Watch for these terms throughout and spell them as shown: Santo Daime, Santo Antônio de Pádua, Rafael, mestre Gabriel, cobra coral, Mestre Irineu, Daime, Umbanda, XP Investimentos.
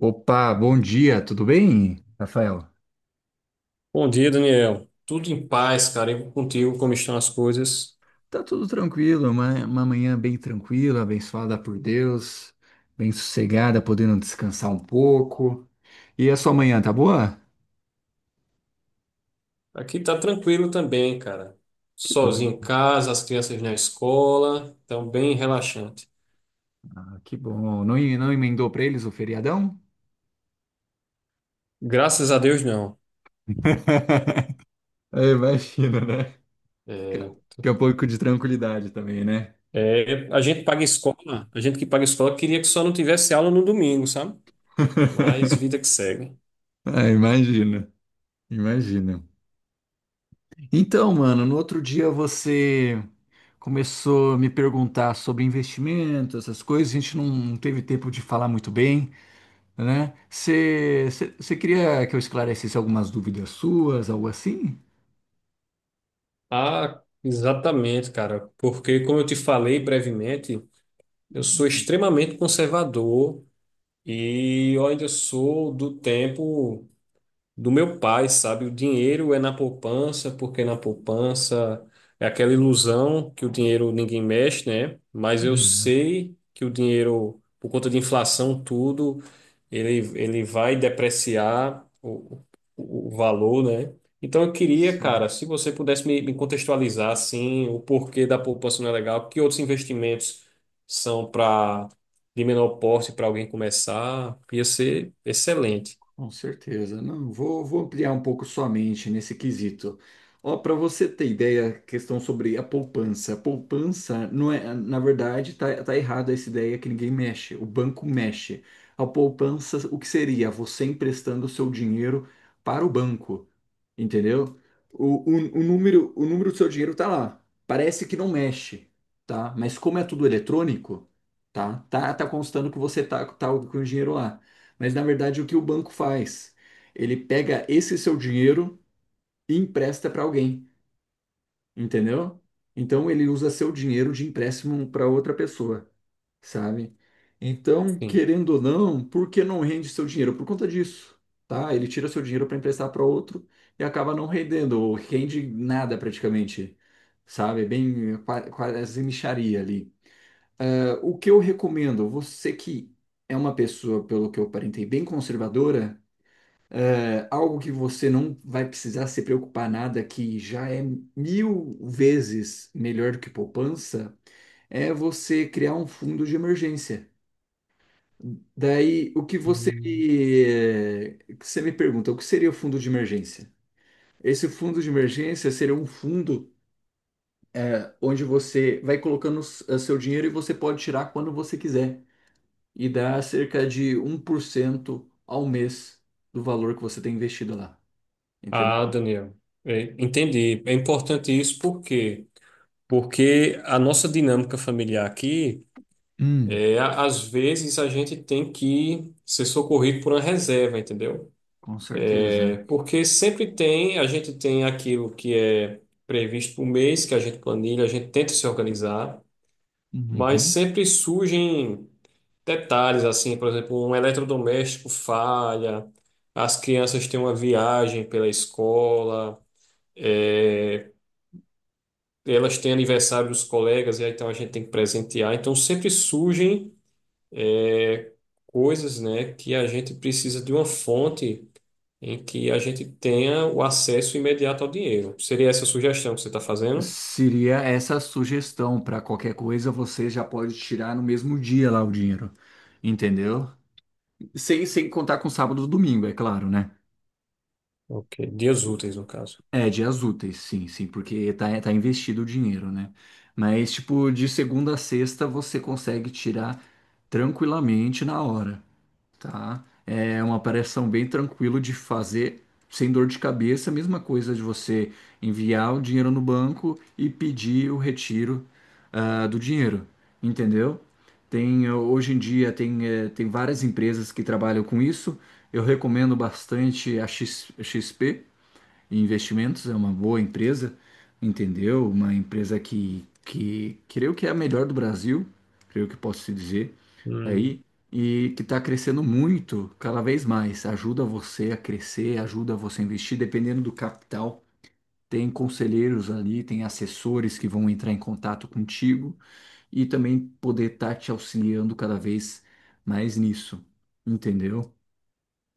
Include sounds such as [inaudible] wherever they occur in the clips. Opa, bom dia, tudo bem, Rafael? Bom dia, Daniel. Tudo em paz, cara. E contigo, como estão as coisas? Tá tudo tranquilo, uma manhã bem tranquila, abençoada por Deus, bem sossegada, podendo descansar um pouco. E a sua manhã, tá boa? Aqui tá tranquilo também, cara. Que bom, Sozinho em casa, as crianças na escola, então bem relaxante. Que bom. Não, não emendou pra eles o feriadão? Graças a Deus, não. [laughs] É, imagina, né? É, Que é um pouco de tranquilidade também, né? é, a gente paga escola, a gente que paga escola queria que só não tivesse aula no domingo, sabe? Mas vida [laughs] que segue. Ah, imagina, imagina. Então, mano, no outro dia você começou a me perguntar sobre investimento, essas coisas, a gente não teve tempo de falar muito bem, né? Você você- queria que eu esclarecesse algumas dúvidas suas, algo assim? Ah, exatamente, cara. Porque, como eu te falei brevemente, eu sou extremamente conservador e eu ainda sou do tempo do meu pai, sabe? O dinheiro é na poupança, porque na poupança é aquela ilusão que o dinheiro ninguém mexe, né? Mas eu Uhum. sei que o dinheiro, por conta de inflação, tudo, ele vai depreciar o valor, né? Então eu queria, cara, se você pudesse me contextualizar, assim, o porquê da poupança não é legal, que outros investimentos são para de menor porte para alguém começar, ia ser excelente. Com certeza. Não, vou ampliar um pouco sua mente nesse quesito. Ó, para você ter ideia, questão sobre a poupança. A poupança não é, na verdade, tá errado essa ideia que ninguém mexe. O banco mexe. A poupança, o que seria? Você emprestando o seu dinheiro para o banco, entendeu? O número, o número do seu dinheiro tá lá. Parece que não mexe, tá? Mas como é tudo eletrônico, tá? Tá constando que você tá com o dinheiro lá. Mas na verdade, o que o banco faz? Ele pega esse seu dinheiro e empresta para alguém, entendeu? Então ele usa seu dinheiro de empréstimo para outra pessoa, sabe? Então, querendo ou não, por que não rende seu dinheiro? Por conta disso, tá? Ele tira seu dinheiro para emprestar para outro e acaba não rendendo, ou rende nada praticamente, sabe? Bem, quase mixaria ali. O que eu recomendo, você que é uma pessoa, pelo que eu aparentei, bem conservadora, algo que você não vai precisar se preocupar nada, que já é mil vezes melhor do que poupança, é você criar um fundo de emergência. Daí, o Sim. Que você me pergunta, o que seria o fundo de emergência? Esse fundo de emergência seria um fundo onde você vai colocando seu dinheiro e você pode tirar quando você quiser. E dá cerca de 1% ao mês do valor que você tem investido lá. Ah, Entendeu? Daniel, entendi. É importante isso por quê? Porque a nossa dinâmica familiar aqui, Hum, às vezes a gente tem que ser socorrido por uma reserva, entendeu? com certeza. É, porque sempre tem, a gente tem aquilo que é previsto por mês, que a gente planilha, a gente tenta se organizar, mas Uhum. sempre surgem detalhes, assim, por exemplo, um eletrodoméstico falha, as crianças têm uma viagem pela escola. é, Elas têm aniversário dos colegas, e aí então a gente tem que presentear. Então sempre surgem é, coisas, né, que a gente precisa de uma fonte em que a gente tenha o acesso imediato ao dinheiro. Seria essa a sugestão que você está fazendo? Seria essa a sugestão para qualquer coisa você já pode tirar no mesmo dia lá o dinheiro, entendeu? Sem contar com sábado e domingo, é claro, né? Ok, dias úteis, no caso. É, dias úteis, sim, sim, porque tá investido o dinheiro, né? Mas, tipo, de segunda a sexta você consegue tirar tranquilamente na hora. Tá. É uma operação bem tranquilo de fazer, sem dor de cabeça. Mesma coisa de você enviar o dinheiro no banco e pedir o retiro, do dinheiro, entendeu? Tem, hoje em dia tem várias empresas que trabalham com isso. Eu recomendo bastante a X P Investimentos, é uma boa empresa, entendeu? Uma empresa que creio que é a melhor do Brasil, creio que posso te dizer Hum, aí e que está crescendo muito, cada vez mais. Ajuda você a crescer, ajuda você a investir, dependendo do capital. Tem conselheiros ali, tem assessores que vão entrar em contato contigo e também poder estar te auxiliando cada vez mais nisso, entendeu?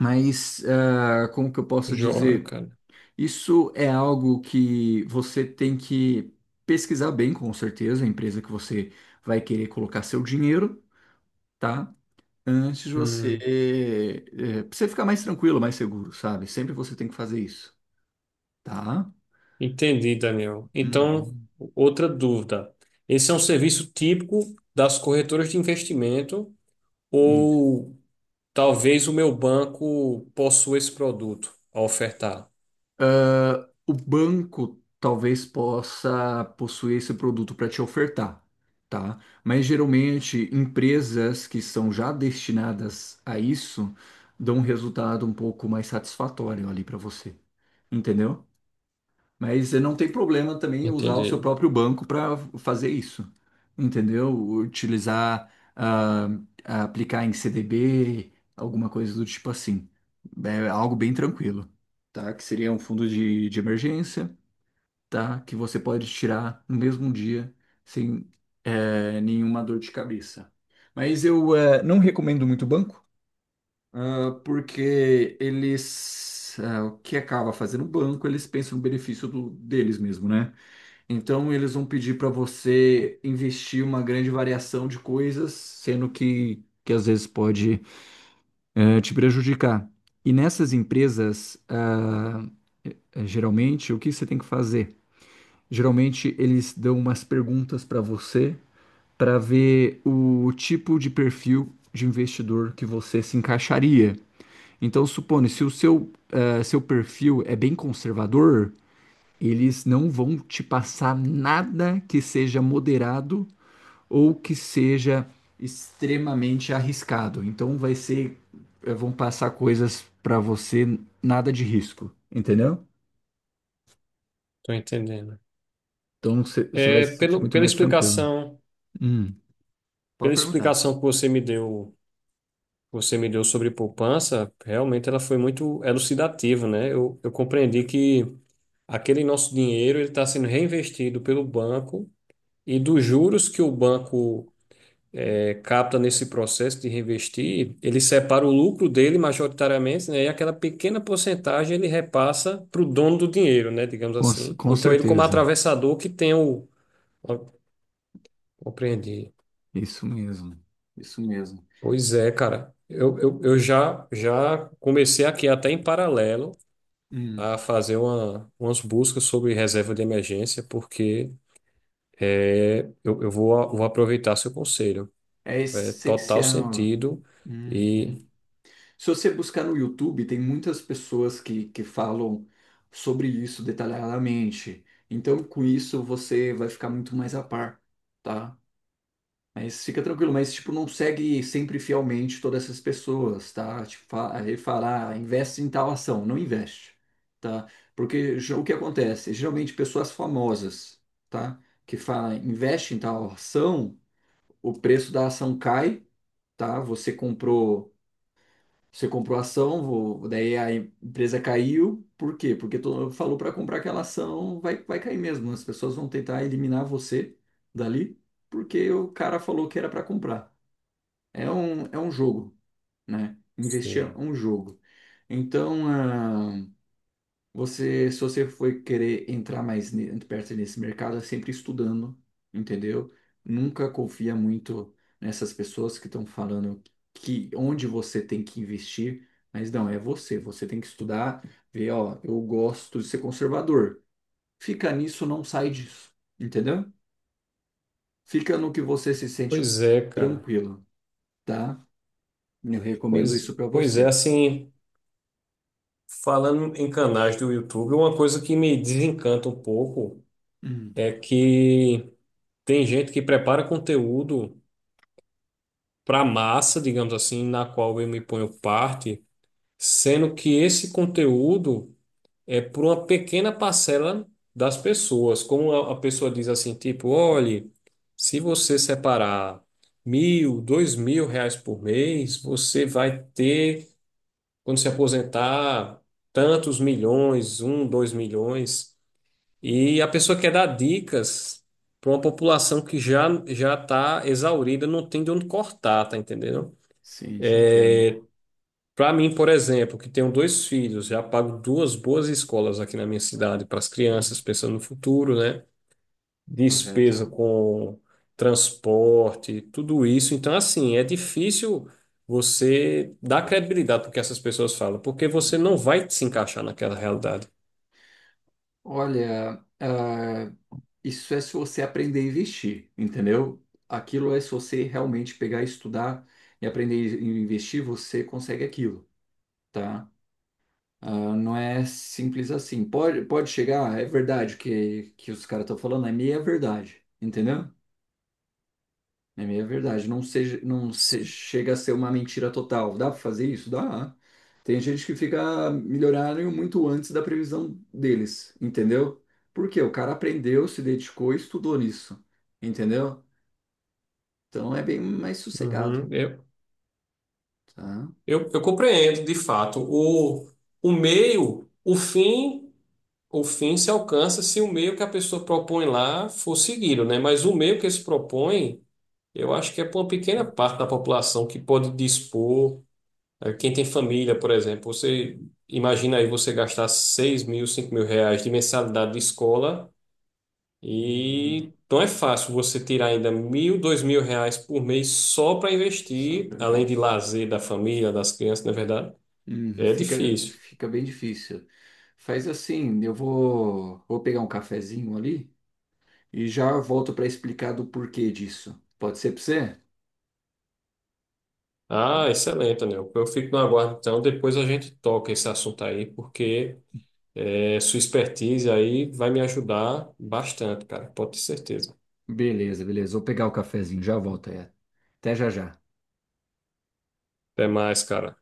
Mas como que eu posso joia, dizer? cara. Isso é algo que você tem que pesquisar bem, com certeza, a empresa que você vai querer colocar seu dinheiro, tá? Antes de você, Hum, pra você ficar mais tranquilo, mais seguro, sabe? Sempre você tem que fazer isso, tá? entendi, Daniel. Então, Uhum. outra dúvida. Esse é um serviço típico das corretoras de investimento Isso. ou talvez o meu banco possua esse produto a ofertar. O banco talvez possa possuir esse produto para te ofertar, tá? Mas geralmente empresas que são já destinadas a isso dão um resultado um pouco mais satisfatório ali para você, entendeu? Mas não tem problema também usar o seu Entendi. próprio banco para fazer isso, entendeu? Utilizar, aplicar em CDB, alguma coisa do tipo assim. É algo bem tranquilo, tá? Que seria um fundo de emergência, tá? Que você pode tirar no mesmo dia sem nenhuma dor de cabeça. Mas eu não recomendo muito banco, porque o que acaba fazendo o banco, eles pensam no benefício deles mesmo, né? Então eles vão pedir para você investir uma grande variação de coisas, sendo que às vezes pode, te prejudicar. E nessas empresas, geralmente, o que você tem que fazer? Geralmente eles dão umas perguntas para você para ver o tipo de perfil de investidor que você se encaixaria. Então, supondo, se o seu perfil é bem conservador, eles não vão te passar nada que seja moderado ou que seja extremamente arriscado. Então, vai ser, vão passar coisas para você nada de risco, entendeu? Tô entendendo. Então, você vai se É, sentir pelo, muito pela mais tranquilo. explicação, Hum, pode pela perguntar. explicação que você me deu, sobre poupança, realmente ela foi muito elucidativa, né? Eu compreendi que aquele nosso dinheiro ele está sendo reinvestido pelo banco e dos juros que o banco capta nesse processo de reinvestir, ele separa o lucro dele majoritariamente, né, e aquela pequena porcentagem ele repassa para o dono do dinheiro, né, digamos assim. Com Então ele como certeza. atravessador que tem o. Ó, compreendi. Isso mesmo. Isso mesmo. Pois é, cara. Eu já comecei aqui até em paralelo Hum, a fazer umas buscas sobre reserva de emergência, porque eu vou aproveitar seu conselho. é É total essencial. sentido Uhum. e. Se você buscar no YouTube, tem muitas pessoas que falam sobre isso detalhadamente. Então, com isso, você vai ficar muito mais a par, tá? Mas fica tranquilo, mas, tipo, não segue sempre fielmente todas essas pessoas, tá? Tipo, ele fala, investe em tal ação, não investe, tá? Porque o que acontece? Geralmente, pessoas famosas, tá? Que falam, investe em tal ação, o preço da ação cai, tá? Você comprou a ação, daí a empresa caiu, por quê? Porque todo mundo falou para comprar aquela ação, vai, vai cair mesmo. As pessoas vão tentar eliminar você dali, porque o cara falou que era para comprar. É um jogo, né? Investir é Sim. um jogo. Então, você, se você for querer entrar mais perto nesse mercado, é sempre estudando, entendeu? Nunca confia muito nessas pessoas que estão falando que onde você tem que investir, mas não, é você. Você tem que estudar, ver, ó, eu gosto de ser conservador. Fica nisso, não sai disso, entendeu? Fica no que você se sente Pois é, cara. tranquilo, tá? Eu recomendo isso Pois, pra pois é, você. assim, falando em canais do YouTube, uma coisa que me desencanta um pouco Hum, é que tem gente que prepara conteúdo para massa, digamos assim, na qual eu me ponho parte, sendo que esse conteúdo é para uma pequena parcela das pessoas. Como a pessoa diz assim, tipo, olhe, se você separar mil, R$ 2.000 por mês, você vai ter quando se aposentar, tantos milhões, um, 2 milhões. E a pessoa quer dar dicas para uma população que já está exaurida, não tem de onde cortar, tá entendendo? sim, te entendo. Para mim, por exemplo, que tenho dois filhos, já pago duas boas escolas aqui na minha cidade para as Hum, crianças, pensando no futuro, né? correto. Despesa com transporte, tudo isso. Então, assim, é difícil você dar credibilidade para o que essas pessoas falam, porque você não vai se encaixar naquela realidade. Olha, isso é se você aprender a investir, entendeu? Aquilo é se você realmente pegar, estudar e aprender a investir, você consegue aquilo, tá? Ah, não é simples assim. Pode, pode chegar, é verdade o que os caras estão falando, é meia verdade, entendeu? É meia verdade. Não seja, não se, chega a ser uma mentira total. Dá pra fazer isso? Dá. Tem gente que fica milionário muito antes da previsão deles, entendeu? Porque o cara aprendeu, se dedicou e estudou nisso. Entendeu? Então é bem mais sossegado, Uhum. Eu, tá? eu, eu compreendo, de fato. O meio, o fim se alcança se o meio que a pessoa propõe lá for seguido, né? Mas o meio que se propõe, eu acho que é para uma pequena parte da população que pode dispor. Quem tem família, por exemplo, você imagina aí você gastar seis mil, R$ 5.000 de mensalidade de escola. Uhum. E não é fácil você tirar ainda mil, R$ 2.000 por mês só para Só investir, para além de peixe. lazer da família, das crianças, na verdade. Hum, É fica, difícil. fica bem difícil. Faz assim, vou pegar um cafezinho ali e já volto para explicar do porquê disso. Pode ser para você? Tá. Ah, excelente, Anel. Eu fico no aguardo, então. Depois a gente toca esse assunto aí, porque sua expertise aí vai me ajudar bastante, cara. Pode ter certeza. Beleza, beleza. Vou pegar o cafezinho, já volto aí. Até já já. Até mais, cara.